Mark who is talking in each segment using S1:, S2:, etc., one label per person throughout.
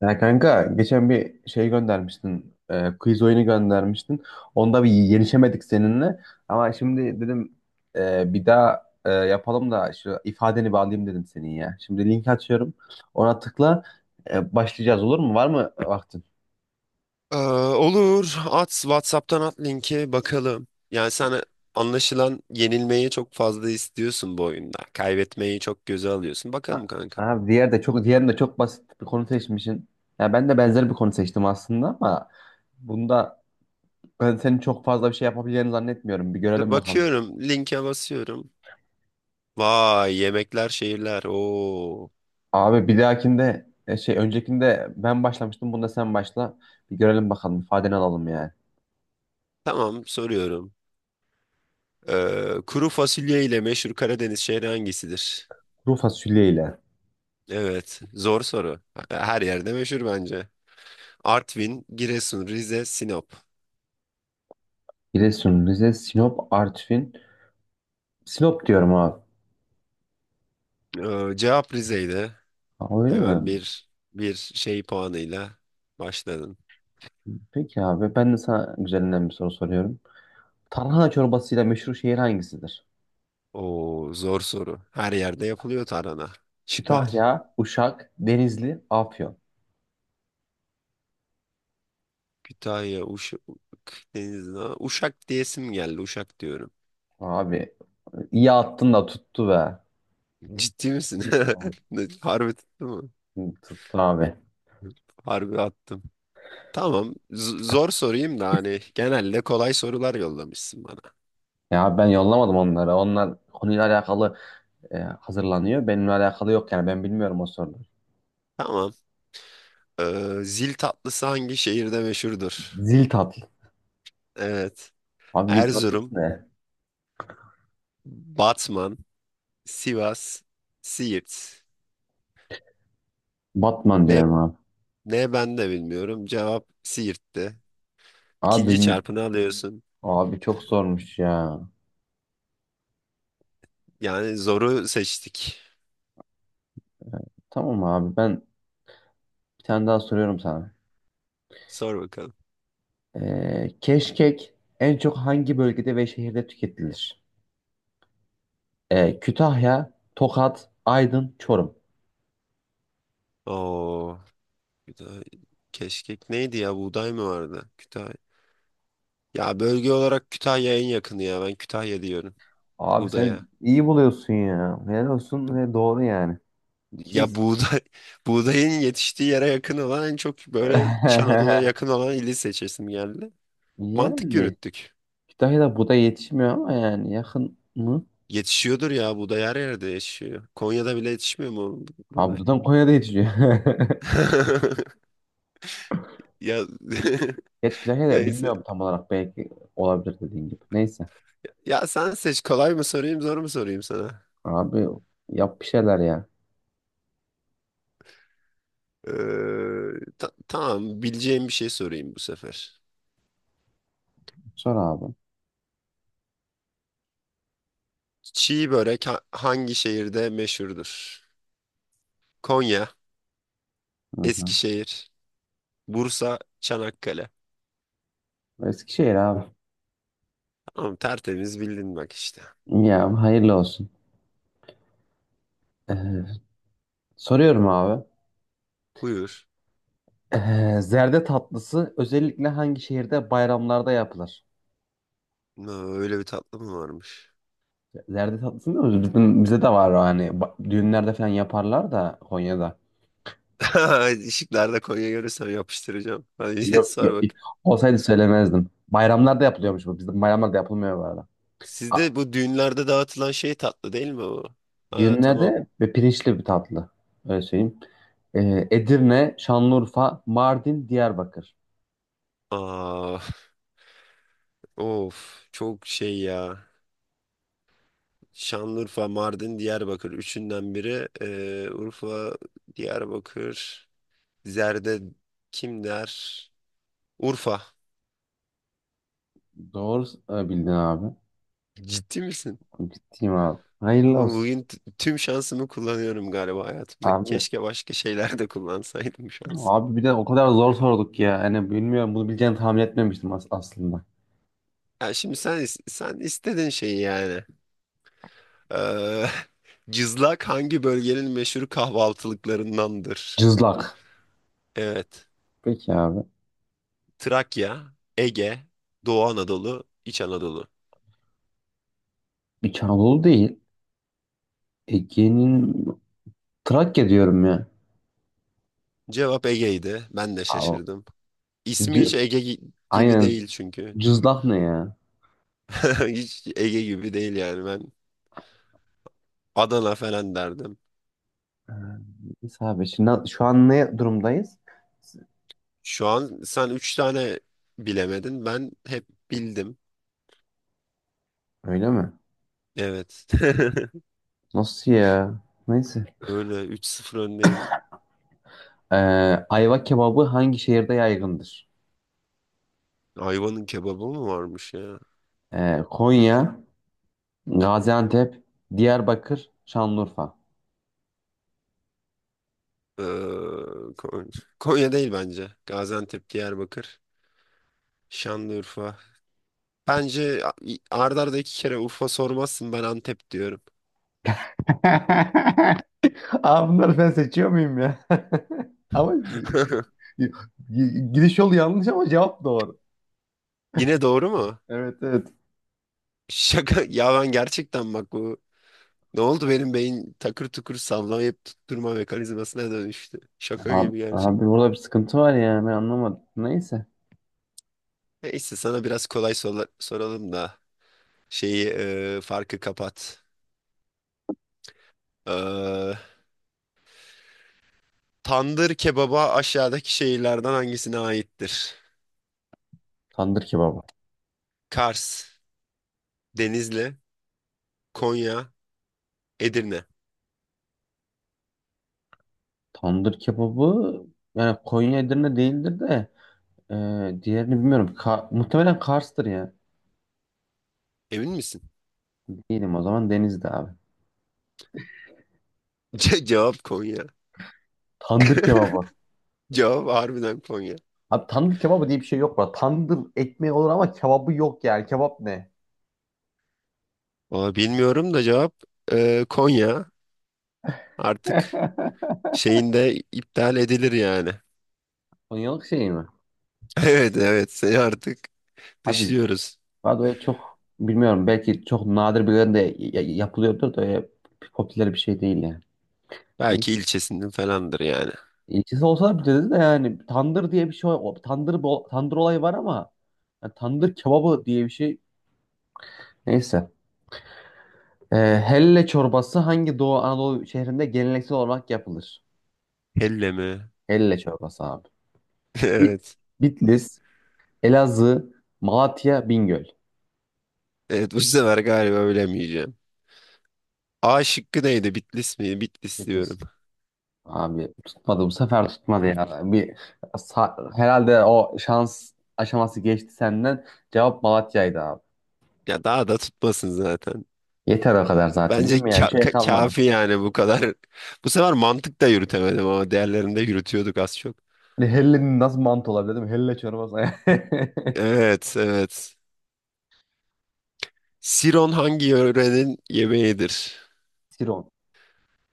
S1: Ya kanka geçen bir şey göndermiştin. Quiz oyunu göndermiştin. Onda bir yenişemedik seninle. Ama şimdi dedim bir daha yapalım da şu ifadeni bağlayayım dedim senin ya. Şimdi linki açıyorum. Ona tıkla başlayacağız, olur mu? Var mı vaktin?
S2: Olur. At WhatsApp'tan at linki bakalım. Yani sen anlaşılan yenilmeyi çok fazla istiyorsun bu oyunda. Kaybetmeyi çok göze alıyorsun.
S1: Ha,
S2: Bakalım kanka.
S1: Abi diğerinde de çok basit bir konu seçmişsin. Ya ben de benzer bir konu seçtim aslında ama bunda ben senin çok fazla bir şey yapabileceğini zannetmiyorum. Bir
S2: Dur
S1: görelim bakalım.
S2: bakıyorum. Linke basıyorum. Vay yemekler şehirler. Oo.
S1: Abi bir dahakinde öncekinde ben başlamıştım. Bunda sen başla. Bir görelim bakalım. İfadeni alalım yani.
S2: Tamam soruyorum. Kuru fasulye ile meşhur Karadeniz şehri hangisidir?
S1: Kuru fasulye ile
S2: Evet. Zor soru. Her yerde meşhur bence. Artvin, Giresun, Rize, Sinop.
S1: Giresun, Rize, Sinop, Artvin. Sinop diyorum abi.
S2: Cevap Rize'ydi.
S1: Aa, öyle
S2: Hemen
S1: mi?
S2: bir şey puanıyla başladın.
S1: Peki abi ben de sana güzelinden bir soru soruyorum. Tarhana çorbasıyla meşhur şehir hangisidir?
S2: O zor soru. Her yerde yapılıyor tarhana. Şıklar.
S1: Kütahya, Uşak, Denizli, Afyon.
S2: Kütahya, Uşak, Denizli. Uşak diyesim geldi. Uşak diyorum.
S1: Abi iyi attın da tuttu be.
S2: Ciddi misin? Ne, harbi tuttu mu?
S1: Tuttu abi.
S2: Harbi attım. Tamam. Zor sorayım da hani genelde kolay sorular yollamışsın bana.
S1: Ya ben yollamadım onları. Onlar konuyla alakalı hazırlanıyor. Benimle alakalı yok yani ben bilmiyorum o soruları.
S2: Tamam. Zil tatlısı hangi şehirde meşhurdur?
S1: Zil tatlı.
S2: Evet.
S1: Abi zil tatlısı
S2: Erzurum,
S1: ne?
S2: Batman, Sivas, Siirt.
S1: Batman
S2: Ne,
S1: diyorum abi.
S2: ne, ben de bilmiyorum. Cevap Siirt'ti.
S1: Abi,
S2: İkinci çarpını alıyorsun.
S1: abi çok zormuş ya.
S2: Yani zoru seçtik.
S1: Tamam abi ben bir tane daha soruyorum sana.
S2: Sor bakalım.
S1: Keşkek en çok hangi bölgede ve şehirde tüketilir? Kütahya, Tokat, Aydın, Çorum.
S2: Oo, Kütahya. Keşkek neydi ya? Buğday mı vardı? Kütahya. Ya bölge olarak Kütahya en yakını ya. Ben Kütahya diyorum.
S1: Abi
S2: Buğdaya.
S1: sen iyi buluyorsun ya. Helal olsun ve doğru yani. İki
S2: Ya
S1: is-
S2: buğday, buğdayın yetiştiği yere yakın olan en çok böyle İç Anadolu'ya yakın olan ili seçesim geldi. Mantık
S1: Yani
S2: yürüttük.
S1: Kütahya'da buğday yetişmiyor ama yani yakın mı?
S2: Yetişiyordur ya buğday her yerde yetişiyor. Konya'da bile yetişmiyor mu
S1: Abi
S2: buğday?
S1: zaten Konya'da yetişiyor.
S2: Ya
S1: Geç Kütahya da
S2: neyse.
S1: bilmiyorum tam olarak, belki olabilir dediğin gibi. Neyse.
S2: Ya sen seç kolay mı sorayım zor mu sorayım sana?
S1: Abi yap bir şeyler ya.
S2: Ee, tamam bileceğim bir şey sorayım bu sefer.
S1: Sor abi.
S2: Çiğ börek hangi şehirde meşhurdur? Konya,
S1: Hı hı.
S2: Eskişehir, Bursa, Çanakkale.
S1: Eskişehir abi.
S2: Tamam tertemiz bildin bak işte.
S1: Ya hayırlı olsun. Ee, soruyorum abi.
S2: Buyur.
S1: Zerde tatlısı özellikle hangi şehirde bayramlarda yapılır?
S2: Aa, öyle bir tatlı mı varmış?
S1: Zerde tatlısı mı? Bize de var o hani düğünlerde falan yaparlar da Konya'da.
S2: Işıklarda Konya görürsem yapıştıracağım. Hadi
S1: Yok, yok.
S2: sor bak.
S1: Olsaydı söylemezdim. Bayramlarda yapılıyormuş bu. Bizim bayramlarda yapılmıyor bu arada.
S2: Sizde bu düğünlerde dağıtılan şey tatlı değil mi o? Ha, tamam.
S1: Dürne ve pirinçli bir tatlı. Öyle söyleyeyim. Edirne, Şanlıurfa, Mardin, Diyarbakır.
S2: Aa, of çok şey ya. Şanlıurfa, Mardin, Diyarbakır. Üçünden biri. Urfa, Diyarbakır. Zerde kim der? Urfa.
S1: Doğru bildin abi.
S2: Ciddi misin?
S1: Gittiğim abi. Hayırlı olsun.
S2: Bugün tüm şansımı kullanıyorum galiba hayatımda.
S1: Abi,
S2: Keşke başka şeyler de kullansaydım şansı.
S1: abi bir de o kadar zor sorduk ya. Hani bilmiyorum bunu bileceğini tahmin etmemiştim aslında.
S2: Ya şimdi sen sen istedin şeyi yani. Ee, cızlak hangi bölgenin meşhur kahvaltılıklarındandır?
S1: Cızlak.
S2: Evet.
S1: Peki abi.
S2: Trakya, Ege, Doğu Anadolu, İç Anadolu.
S1: İç Anadolu değil. Ege'nin Trakya diyorum ya.
S2: Cevap Ege'ydi. Ben de
S1: Abi,
S2: şaşırdım. İsmi
S1: C-
S2: hiç Ege gibi
S1: Aynen.
S2: değil çünkü.
S1: Cızlak ne ya?
S2: Hiç Ege gibi değil yani ben Adana falan derdim.
S1: Ee, Neyse abi şimdi şu an ne durumdayız?
S2: Şu an sen üç tane bilemedin. Ben hep bildim.
S1: Öyle mi?
S2: Evet.
S1: Nasıl ya? Neyse.
S2: Öyle üç sıfır öndeyim.
S1: Ee, ayva kebabı hangi şehirde yaygındır?
S2: Ayva'nın kebabı mı varmış ya?
S1: Konya, Gaziantep, Diyarbakır, Şanlıurfa.
S2: Ee, Kon- Konya değil bence. Gaziantep, Diyarbakır, Şanlıurfa. Bence arda arda iki kere Urfa sormazsın ben Antep diyorum.
S1: Aa, bunları ben seçiyor muyum ya? Ama gidiş yolu yanlış ama cevap doğru.
S2: Yine doğru mu?
S1: Evet, evet.
S2: Şaka ya ben gerçekten bak bu ne oldu benim beyin takır tukur sallamayıp tutturma mekanizmasına dönüştü. Şaka gibi gerçek.
S1: Abi burada bir sıkıntı var ya, ben anlamadım. Neyse.
S2: Neyse sana biraz kolay soralım da şeyi farkı kapat. E, Tandır kebaba aşağıdaki şehirlerden hangisine aittir?
S1: Tandır kebabı.
S2: Kars, Denizli, Konya, Edirne.
S1: Tandır kebabı yani Konya Edirne değildir de e, diğerini bilmiyorum. Muhtemelen Kars'tır ya.
S2: Emin misin?
S1: Diyelim o zaman Denizli abi.
S2: Cevap Konya.
S1: Tandır kebabı.
S2: Cevap harbiden Konya.
S1: Abi tandır kebabı diye bir şey yok bu arada. Tandır ekmeği olur ama kebabı yok yani. Kebap ne?
S2: Valla bilmiyorum da cevap Konya. Artık şeyinde iptal edilir yani.
S1: Konyalık şey mi?
S2: Evet, evet, seni artık
S1: Abi
S2: dışlıyoruz.
S1: Vado'ya çok bilmiyorum. Belki çok nadir bir yerde yapılıyordur da öyle popüler bir şey değil yani. Ne?
S2: Belki ilçesinden falandır yani.
S1: İlçesi olsa bir dedi de yani tandır diye bir şey tandır olayı var ama yani tandır kebabı diye bir şey neyse. Ee, helle çorbası hangi Doğu Anadolu şehrinde geleneksel olarak yapılır?
S2: Helle mi?
S1: Helle çorbası abi. Bi-
S2: Evet.
S1: Bitlis, Elazığ, Malatya, Bingöl.
S2: Evet bu sefer galiba bilemeyeceğim. A şıkkı neydi? Bitlis mi? Bitlis diyorum.
S1: Bitlis. Abi tutmadı, bu sefer tutmadı ya. Bir herhalde o şans aşaması geçti senden. Cevap Malatya'ydı abi.
S2: Ya daha da tutmasın zaten.
S1: Yeter o kadar zaten, değil
S2: Bence
S1: mi? Yani bir şey kalmadı.
S2: kafi yani bu kadar. Bu sefer mantık da yürütemedim ama diğerlerinde yürütüyorduk az çok.
S1: Hani hellenin nasıl mantı olabilir değil mi? Helle çorbası.
S2: Evet, evet. Siron hangi yörenin yemeğidir?
S1: Siron.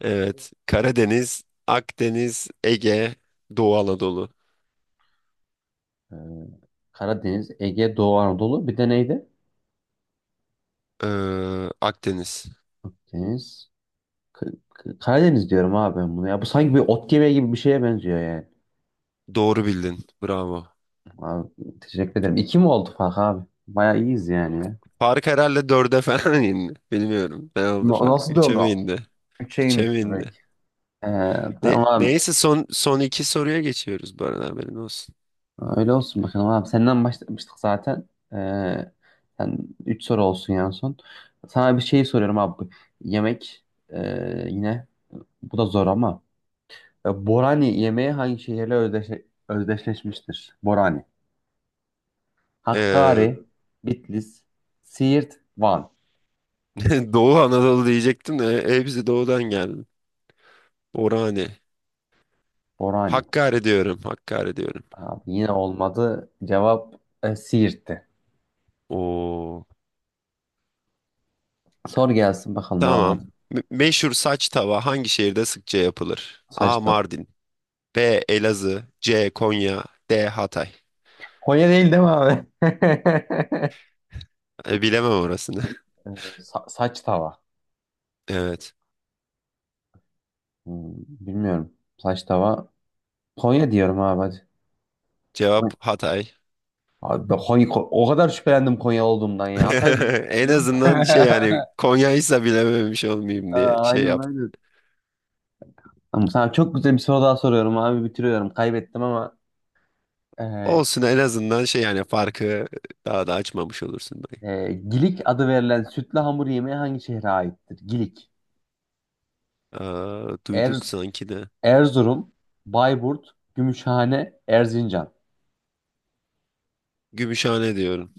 S2: Evet. Karadeniz, Akdeniz, Ege, Doğu Anadolu.
S1: Ee, Karadeniz, Ege, Doğu Anadolu. Bir de neydi?
S2: Ee, Akdeniz.
S1: Deniz. K- Karadeniz diyorum abi ben bunu ya. Bu sanki bir ot yemeği gibi bir şeye benziyor yani.
S2: Doğru bildin. Bravo.
S1: Abi, teşekkür ederim. İki mi oldu fark abi? Bayağı iyiyiz yani ya.
S2: Fark herhalde dörde falan indi. Bilmiyorum. Ne oldu fark?
S1: Nasıl
S2: Üçe
S1: dördü?
S2: mi indi?
S1: Üçe
S2: Üçe
S1: inmiş
S2: mi
S1: direkt.
S2: indi?
S1: Ee, tamam abi.
S2: Neyse son iki soruya geçiyoruz bu arada haberin olsun.
S1: Öyle olsun bakalım abi. Senden başlamıştık zaten. Sen üç soru olsun yani son. Sana bir şey soruyorum abi. Yemek yine. Bu da zor ama. Borani yemeği hangi şehirle özdeşleşmiştir? Borani.
S2: Ee,
S1: Hakkari, Bitlis, Siirt, Van.
S2: Doğu Anadolu diyecektim de doğudan geldi. Orhane.
S1: Borani.
S2: Hakkari diyorum.
S1: Abi yine olmadı. Cevap Siirt'ti.
S2: Oo.
S1: Sor gelsin bakalım abi
S2: Tamam.
S1: hadi.
S2: Meşhur saç tava hangi şehirde sıkça yapılır? A.
S1: Saç da.
S2: Mardin. B. Elazığ. C. Konya. D. Hatay.
S1: Konya değil değil mi abi?
S2: E, bilemem orasını.
S1: Saç tava.
S2: Evet.
S1: Hmm, bilmiyorum. Saç tava. Konya diyorum abi hadi.
S2: Cevap
S1: Konya.
S2: Hatay.
S1: Abi ben o kadar şüphelendim Konya olduğumdan ya. Hatay diyecektim,
S2: En
S1: biliyor musun?
S2: azından şey yani Konya'ysa bilememiş olmayayım diye
S1: Aa,
S2: şey
S1: aynen,
S2: yaptım.
S1: aynen. Tamam, sana çok güzel bir soru daha soruyorum abi. Bitiriyorum. Kaybettim ama. e,
S2: Olsun en azından şey yani farkı daha da açmamış olursun belki.
S1: Gilik adı verilen sütlü hamur yemeği hangi şehre aittir? Gilik.
S2: Aa, duyduk
S1: Erz
S2: sanki de.
S1: Erzurum, Bayburt, Gümüşhane, Erzincan.
S2: Gümüşhane diyorum.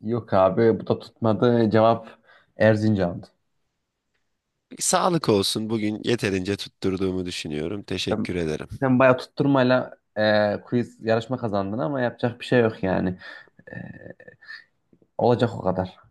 S1: Yok abi, bu da tutmadı. Cevap Erzincan'dı.
S2: Sağlık olsun. Bugün yeterince tutturduğumu düşünüyorum.
S1: Sen,
S2: Teşekkür ederim.
S1: sen bayağı tutturmayla quiz yarışma kazandın ama yapacak bir şey yok yani. E, olacak o kadar.